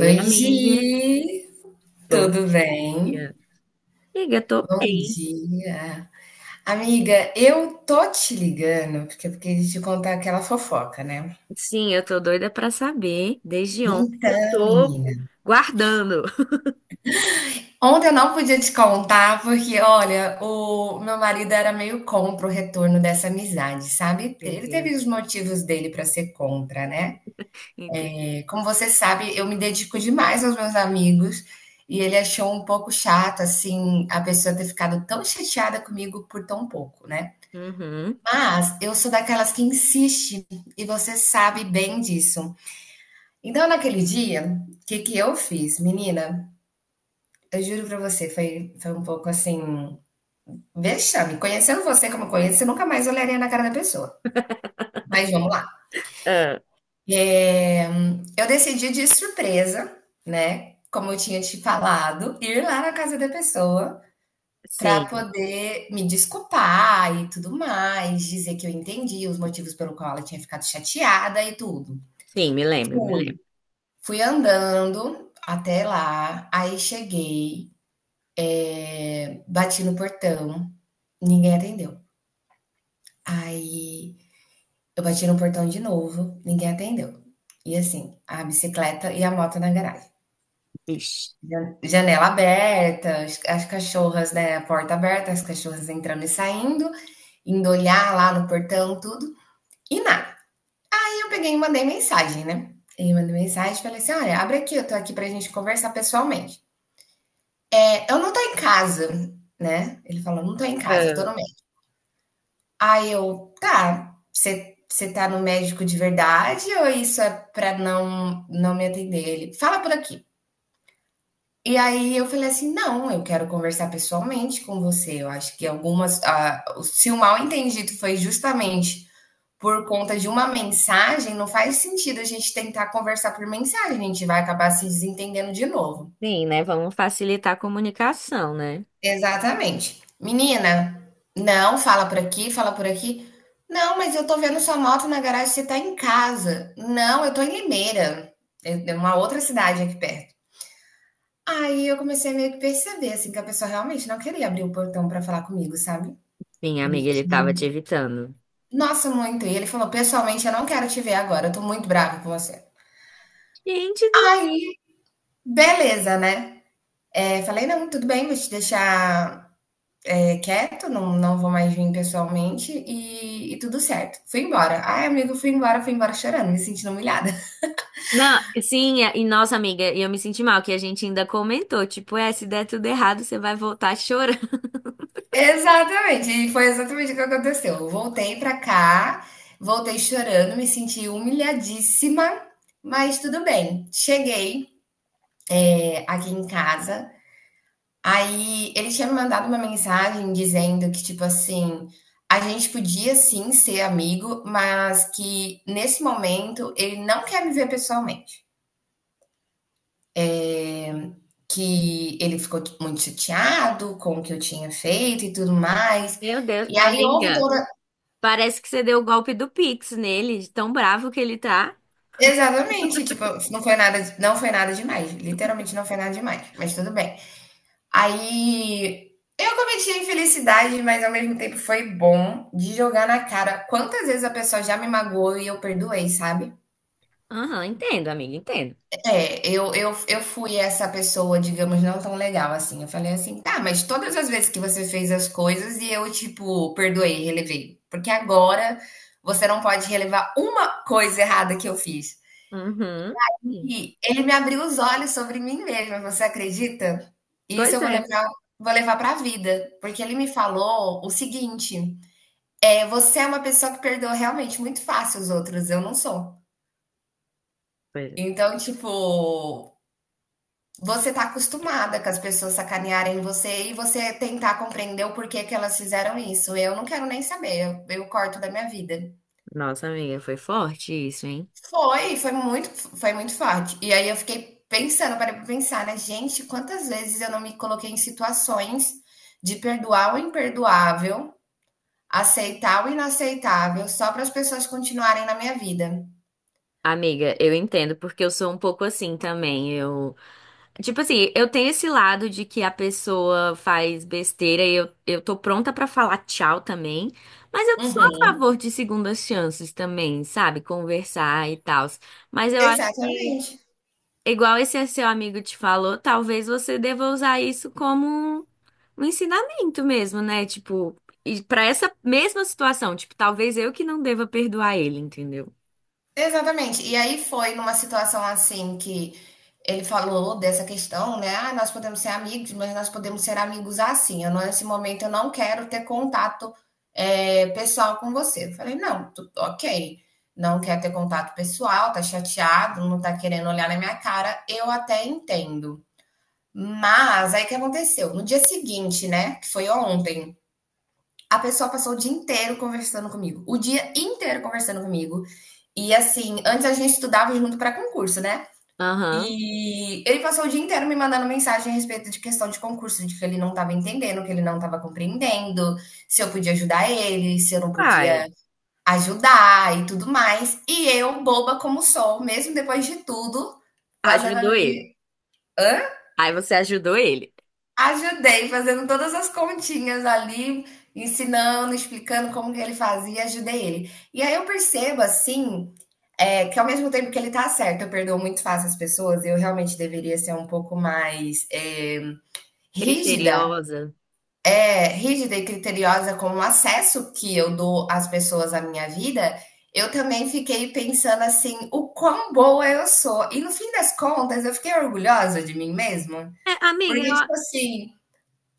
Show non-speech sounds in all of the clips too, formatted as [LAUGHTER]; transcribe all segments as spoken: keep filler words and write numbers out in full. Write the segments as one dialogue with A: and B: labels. A: Oi,
B: amiga.
A: Gi,
B: Bom
A: tudo bem?
B: dia. Amiga, eu tô
A: Bom
B: bem.
A: dia. Amiga, eu tô te ligando porque eu queria te contar aquela fofoca, né?
B: Sim, eu tô doida pra saber desde ontem que eu
A: Então,
B: tô
A: menina,
B: guardando. [LAUGHS]
A: ontem eu não podia te contar porque, olha, o meu marido era meio contra o retorno dessa amizade, sabe? Ele
B: Entendi,
A: teve os motivos dele pra ser contra, né?
B: entendi.
A: Como você sabe, eu me dedico demais aos meus amigos e ele achou um pouco chato, assim, a pessoa ter ficado tão chateada comigo por tão pouco, né?
B: Uhum.
A: Mas eu sou daquelas que insiste, e você sabe bem disso. Então, naquele dia, o que que eu fiz? Menina, eu juro pra você, foi, foi um pouco assim, vexame. Conhecendo você como eu conheço, eu nunca mais olharia na cara da pessoa.
B: [LAUGHS]
A: Mas vamos lá.
B: Ah,
A: É, eu decidi de surpresa, né? Como eu tinha te falado, ir lá na casa da pessoa pra
B: sim,
A: poder me desculpar e tudo mais, dizer que eu entendi os motivos pelo qual ela tinha ficado chateada e tudo.
B: sim, me lembro, me
A: Fui.
B: lembro.
A: Fui andando até lá, aí cheguei, bati no portão, ninguém atendeu. Aí eu bati no portão de novo, ninguém atendeu. E assim, a bicicleta e a moto na garagem.
B: Ixi.
A: Jan- Janela aberta, as, as cachorras, né? A porta aberta, as cachorras entrando e saindo, indo olhar lá no portão, tudo, e nada. Aí eu peguei e mandei mensagem, né? Eu mandei mensagem e falei assim: olha, abre aqui, eu tô aqui pra gente conversar pessoalmente. Eu não tô em casa, né. Ele falou: "Não tô em casa, tô
B: Ah,
A: no médico". Aí eu: "Tá, você você tá no médico de verdade ou isso é pra não não me atender?" Ele: "Fala por aqui". E aí eu falei assim: "Não, eu quero conversar pessoalmente com você, eu acho que algumas ah, se o mal entendido foi justamente por conta de uma mensagem, não faz sentido a gente tentar conversar por mensagem, a gente vai acabar se desentendendo de novo".
B: sim, né? Vamos facilitar a comunicação, né?
A: Exatamente. Menina, não, fala por aqui, fala por aqui. Não, mas eu tô vendo sua moto na garagem, você tá em casa. Não, eu tô em Limeira, é é uma outra cidade aqui perto. Aí eu comecei a meio que perceber, assim, que a pessoa realmente não queria abrir o portão pra falar comigo, sabe?
B: Sim, amiga,
A: E
B: ele tava te
A: que,
B: evitando.
A: nossa, muito. E ele falou: pessoalmente, eu não quero te ver agora, eu tô muito bravo com você.
B: Gente do...
A: Aí, beleza, né? É, falei: não, tudo bem, vou te deixar é, quieto, não, não vou mais vir pessoalmente e, e tudo certo. Fui embora. Ai, amigo, fui embora, fui embora chorando, me sentindo humilhada. [LAUGHS]
B: Não, sim, e nossa amiga, e eu me senti mal, que a gente ainda comentou, tipo, é, se der tudo errado, você vai voltar chorando.
A: Exatamente, e foi exatamente o que aconteceu. Voltei pra cá, voltei chorando, me senti humilhadíssima, mas tudo bem. Cheguei é, aqui em casa, aí ele tinha me mandado uma mensagem dizendo que, tipo assim, a gente podia sim ser amigo, mas que nesse momento ele não quer me ver pessoalmente. Que ele ficou tipo, muito chateado com o que eu tinha feito e tudo
B: [LAUGHS]
A: mais.
B: Meu Deus,
A: E aí houve
B: amiga.
A: toda
B: Parece que você deu o golpe do Pix nele, de tão bravo que ele tá.
A: exatamente, tipo, não foi nada não foi nada demais, literalmente não foi nada demais, mas tudo bem. Aí eu cometi a infelicidade, mas ao mesmo tempo foi bom de jogar na cara quantas vezes a pessoa já me magoou e eu perdoei, sabe?
B: Aham, entendo, amiga, entendo.
A: É, eu, eu, eu fui essa pessoa, digamos, não tão legal assim. Eu falei assim, tá, mas todas as vezes que você fez as coisas e eu, tipo, perdoei, relevei. Porque agora você não pode relevar uma coisa errada que eu fiz.
B: Uhum. Sim.
A: E ele me abriu os olhos sobre mim mesma, você acredita? E isso
B: Pois
A: eu vou
B: é.
A: levar, vou levar para a vida. Porque ele me falou o seguinte: é, você é uma pessoa que perdoa realmente muito fácil os outros, eu não sou.
B: Pois é.
A: Então, tipo. Você tá acostumada com as pessoas sacanearem você e você tentar compreender o porquê que elas fizeram isso. Eu não quero nem saber, eu, eu corto da minha vida.
B: Nossa, amiga, foi forte isso, hein?
A: Foi, foi muito, Foi muito forte. E aí eu fiquei pensando, parei pra pensar, né? Gente, quantas vezes eu não me coloquei em situações de perdoar o imperdoável, aceitar o inaceitável, só para as pessoas continuarem na minha vida.
B: Amiga, eu entendo, porque eu sou um pouco assim também. Eu, tipo assim, eu tenho esse lado de que a pessoa faz besteira e eu, eu tô pronta pra falar tchau também, mas eu sou a
A: Uhum.
B: favor de segundas chances também, sabe? Conversar e tal. Mas eu acho que.
A: Exatamente.
B: Igual esse é seu amigo te falou, talvez você deva usar isso como um ensinamento mesmo, né? Tipo, e para essa mesma situação, tipo, talvez eu que não deva perdoar ele, entendeu?
A: Exatamente. E aí foi numa situação assim que ele falou dessa questão, né? Ah, nós podemos ser amigos, mas nós podemos ser amigos assim. Eu, não- nesse momento eu não quero ter contato é, pessoal com você. Eu falei, não, tu- ok. Não quer ter contato pessoal, tá chateado, não tá querendo olhar na minha cara, eu até entendo. Mas aí o que aconteceu? No dia seguinte, né? Que foi ontem, a pessoa passou o dia inteiro conversando comigo. O dia inteiro conversando comigo e assim, antes a gente estudava junto para concurso, né?
B: Aham.
A: E ele passou o dia inteiro me mandando mensagem a respeito de questão de concurso, de que ele não estava entendendo, que ele não estava compreendendo, se eu podia ajudar ele, se eu não podia
B: Ai,
A: ajudar e tudo mais. E eu, boba como sou, mesmo depois de tudo, fazendo
B: ajudou ele.
A: ali.
B: Aí você ajudou ele.
A: Ajudei fazendo todas as continhas ali, ensinando, explicando como que ele fazia, ajudei ele. E aí eu percebo assim, eh, que ao mesmo tempo que ele tá certo, eu perdoo muito fácil as pessoas, eu realmente deveria ser um pouco mais, eh, rígida
B: Criteriosa.
A: é, rígida e criteriosa com o acesso que eu dou às pessoas à minha vida, eu também fiquei pensando assim, o quão boa eu sou. E no fim das contas, eu fiquei orgulhosa de mim mesma,
B: É, amiga,
A: porque
B: eu,
A: tipo assim.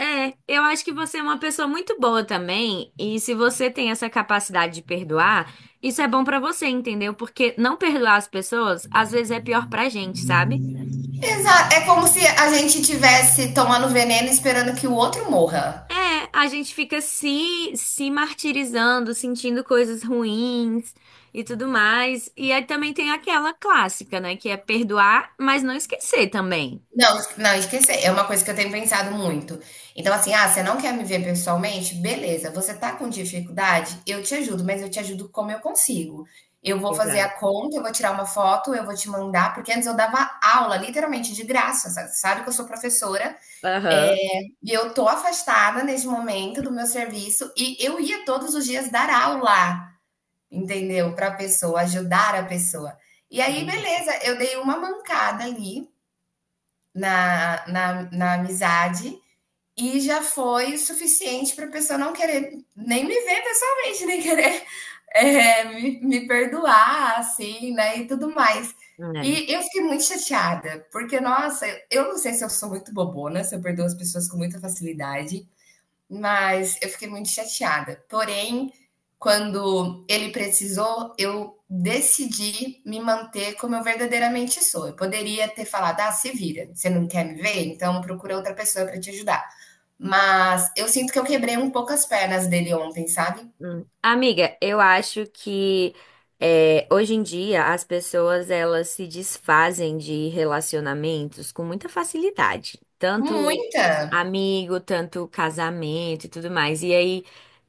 B: é, eu acho que você é uma pessoa muito boa também, e se você tem essa capacidade de perdoar, isso é bom pra você, entendeu? Porque não perdoar as pessoas, às vezes é pior pra gente, sabe?
A: Exato. É como se a gente tivesse tomando veneno esperando que o outro morra.
B: É, a gente fica se, se martirizando, sentindo coisas ruins e tudo mais. E aí também tem aquela clássica, né? Que é perdoar, mas não esquecer também.
A: Não, não esquecer. É uma coisa que eu tenho pensado muito. Então, assim, ah, você não quer me ver pessoalmente? Beleza. Você tá com dificuldade? Eu te ajudo, mas eu te ajudo como eu consigo. Eu vou fazer a
B: Exato.
A: conta, eu vou tirar uma foto, eu vou te mandar, porque antes eu dava aula, literalmente, de graça. Sabe, sabe que eu sou professora,
B: Aham.
A: é, e eu tô afastada nesse momento do meu serviço, e eu ia todos os dias dar aula. Entendeu? Para a pessoa, ajudar a pessoa. E aí,
B: Uhum.
A: beleza, eu dei uma mancada ali na, na, na amizade e já foi o suficiente para a pessoa não querer nem me ver pessoalmente, nem querer [LAUGHS] é, me, me perdoar, assim, né? E tudo mais.
B: É.
A: E eu fiquei muito chateada, porque, nossa, eu não sei se eu sou muito bobona, se eu perdoo as pessoas com muita facilidade, mas eu fiquei muito chateada. Porém, quando ele precisou, eu decidi me manter como eu verdadeiramente sou. Eu poderia ter falado: ah, se vira, você não quer me ver? Então procura outra pessoa para te ajudar. Mas eu sinto que eu quebrei um pouco as pernas dele ontem, sabe?
B: Hum. Amiga, eu acho que é, hoje em dia as pessoas elas se desfazem de relacionamentos com muita facilidade, tanto
A: Muita!
B: amigo, tanto casamento e tudo mais. E aí.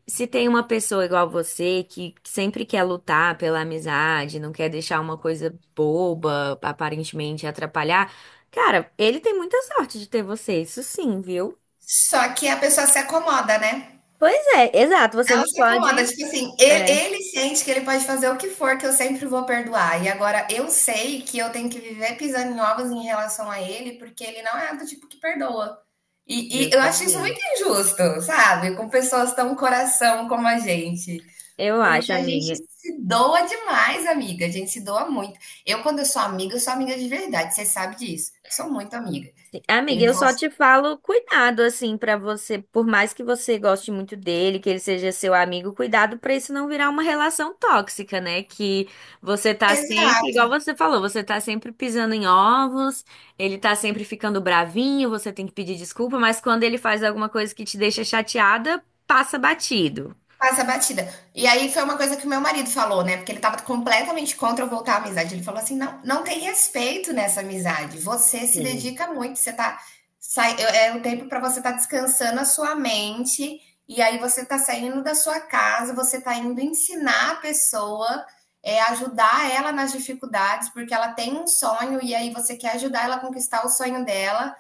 B: Se tem uma pessoa igual você que sempre quer lutar pela amizade, não quer deixar uma coisa boba, aparentemente atrapalhar, cara, ele tem muita sorte de ter você, isso sim, viu?
A: Só que a pessoa se acomoda, né?
B: Pois é, exato, você
A: Ela
B: não
A: se acomoda,
B: pode.
A: tipo assim, ele,
B: É,
A: ele sente que ele pode fazer o que for, que eu sempre vou perdoar. E agora eu sei que eu tenho que viver pisando em ovos em relação a ele, porque ele não é do tipo que perdoa. E, e eu acho isso
B: justamente.
A: muito injusto, sabe? Com pessoas tão coração como a gente.
B: Eu
A: Porque
B: acho,
A: a gente
B: amiga.
A: se doa demais, amiga. A gente se doa muito. Eu, quando eu sou amiga, eu sou amiga de verdade. Você sabe disso. Eu sou muito amiga.
B: Amiga,
A: Eu
B: eu só
A: faço.
B: te falo cuidado assim pra você, por mais que você goste muito dele, que ele seja seu amigo, cuidado pra isso não virar uma relação tóxica, né? Que você tá sempre, igual
A: Exato.
B: você falou, você tá sempre pisando em ovos, ele tá sempre ficando bravinho, você tem que pedir desculpa, mas quando ele faz alguma coisa que te deixa chateada, passa batido.
A: Passa batida. E aí foi uma coisa que o meu marido falou, né? Porque ele tava completamente contra eu voltar à amizade. Ele falou assim: não, não tem respeito nessa amizade. Você se
B: Sim.
A: dedica muito, você tá. Sai, é um tempo para você estar tá descansando a sua mente, e aí você tá saindo da sua casa, você tá indo ensinar a pessoa, é, ajudar ela nas dificuldades, porque ela tem um sonho, e aí você quer ajudar ela a conquistar o sonho dela.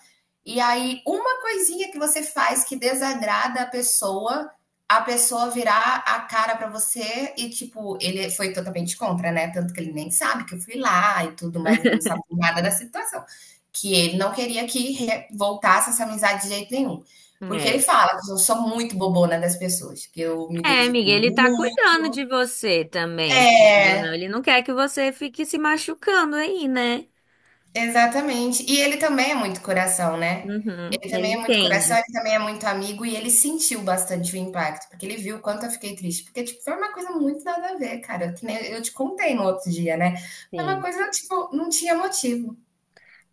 A: E aí, uma coisinha que você faz que desagrada a pessoa, a pessoa virar a cara pra você e, tipo, ele foi totalmente contra, né? Tanto que ele nem sabe que eu fui lá e tudo, mas ele não sabe nada da situação. Que ele não queria que re- voltasse essa amizade de jeito nenhum. Porque ele
B: É.
A: fala que eu sou muito bobona das pessoas, que eu me
B: É,
A: dedico
B: amiga, ele tá
A: muito.
B: cuidando de você também, querido, ou não?
A: É.
B: Ele não quer que você fique se machucando aí, né?
A: Exatamente. E ele também é muito coração, né.
B: Uhum,
A: Ele
B: ele
A: também é muito coração,
B: entende.
A: ele também é muito amigo e ele sentiu bastante o impacto, porque ele viu o quanto eu fiquei triste, porque, tipo, foi uma coisa muito nada a ver, cara, que nem eu te contei no outro dia, né, foi uma
B: Sim.
A: coisa, tipo, não tinha motivo.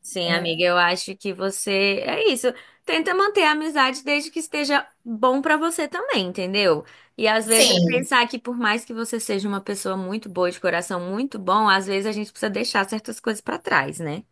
B: Sim, amiga, eu acho que você é isso. Tenta manter a amizade desde que esteja bom pra você também, entendeu? E às vezes é
A: Sim.
B: pensar que por mais que você seja uma pessoa muito boa, de coração muito bom, às vezes a gente precisa deixar certas coisas pra trás, né?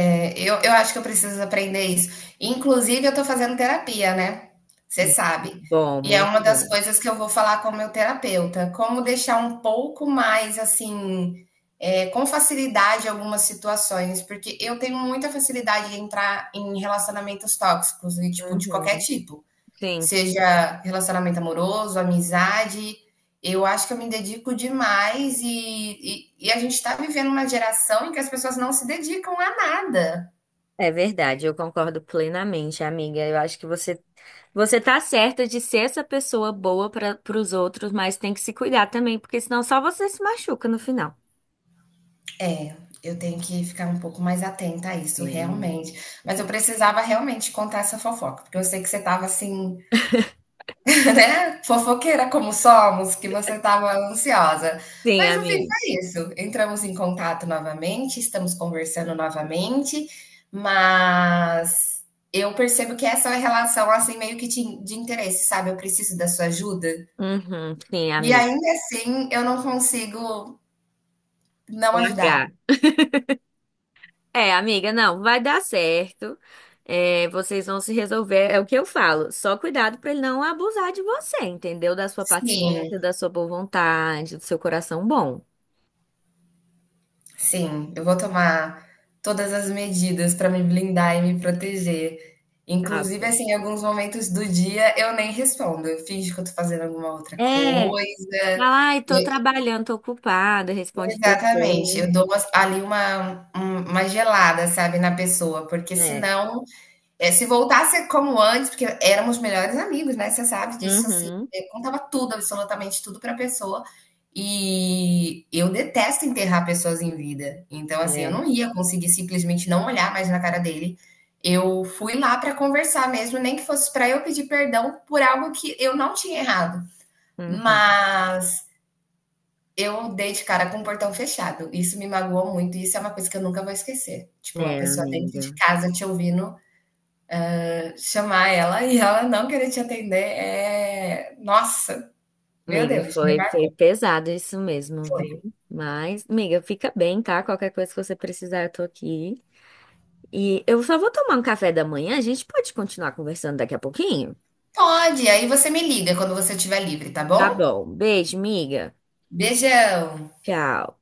A: É, Eu, eu acho que eu preciso aprender isso. Inclusive, eu tô fazendo terapia, né? Você
B: Hum,
A: sabe.
B: bom,
A: E é uma
B: muito
A: das
B: bom.
A: coisas que eu vou falar com o meu terapeuta. Como deixar um pouco mais, assim, é, com facilidade algumas situações. Porque eu tenho muita facilidade de entrar em relacionamentos tóxicos, e, tipo, de qualquer
B: Uhum.
A: tipo.
B: Sim.
A: Seja relacionamento amoroso, amizade. Eu acho que eu me dedico demais e, e, e a gente está vivendo uma geração em que as pessoas não se dedicam a nada.
B: É verdade, eu concordo plenamente, amiga. Eu acho que você você tá certa de ser essa pessoa boa para os outros, mas tem que se cuidar também, porque senão só você se machuca no final.
A: É, eu tenho que ficar um pouco mais atenta a isso,
B: É, né?
A: realmente. Mas eu precisava realmente contar essa fofoca, porque eu sei que você estava assim, [LAUGHS] né, fofoqueira como somos, que você estava ansiosa.
B: Sim,
A: Mas no fim
B: amiga.
A: foi isso. Entramos em contato novamente, estamos conversando novamente, mas eu percebo que essa é uma relação assim meio que de de interesse, sabe? Eu preciso da sua ajuda.
B: Uhum, sim,
A: E
B: amiga.
A: ainda assim eu não consigo não
B: Com
A: ajudar.
B: H. É, amiga, não, vai dar certo. É, vocês vão se resolver. É o que eu falo. Só cuidado para ele não abusar de você, entendeu? Da sua
A: Sim.
B: paciência, da sua boa vontade, do seu coração bom.
A: Sim, eu vou tomar todas as medidas para me blindar e me proteger.
B: Tá
A: Inclusive,
B: bom.
A: assim, em alguns momentos do dia eu nem respondo, eu finjo que eu tô fazendo alguma outra
B: É.
A: coisa.
B: Fala, ai, tô
A: E
B: trabalhando, tô ocupada, responde
A: exatamente,
B: depois.
A: eu dou umas ali uma um uma gelada, sabe, na pessoa, porque
B: É.
A: senão é, se voltasse como antes, porque éramos melhores amigos, né? Você sabe disso, assim.
B: Uhum.
A: Eu contava tudo, absolutamente tudo pra pessoa. E eu detesto enterrar pessoas em vida. Então, assim, eu
B: É.
A: não ia conseguir simplesmente não olhar mais na cara dele. Eu fui lá pra conversar mesmo, nem que fosse pra eu pedir perdão por algo que eu não tinha errado.
B: Uhum.
A: Mas eu dei de cara com o portão fechado. Isso me magoou muito. e Isso é uma coisa que eu nunca vou esquecer. Tipo, a
B: É,
A: pessoa dentro de
B: amiga.
A: casa te ouvindo chamar ela e ela não querer te atender é. Nossa, meu
B: Amiga,
A: Deus, me
B: foi,
A: marca.
B: foi pesado isso mesmo, viu? Mas, amiga, fica bem, tá? Qualquer coisa que você precisar, eu tô aqui. E eu só vou tomar um café da manhã, a gente pode continuar conversando daqui a pouquinho?
A: Pode, aí você me liga quando você estiver livre, tá
B: Tá
A: bom?
B: bom. Beijo, amiga.
A: Beijão!
B: Tchau.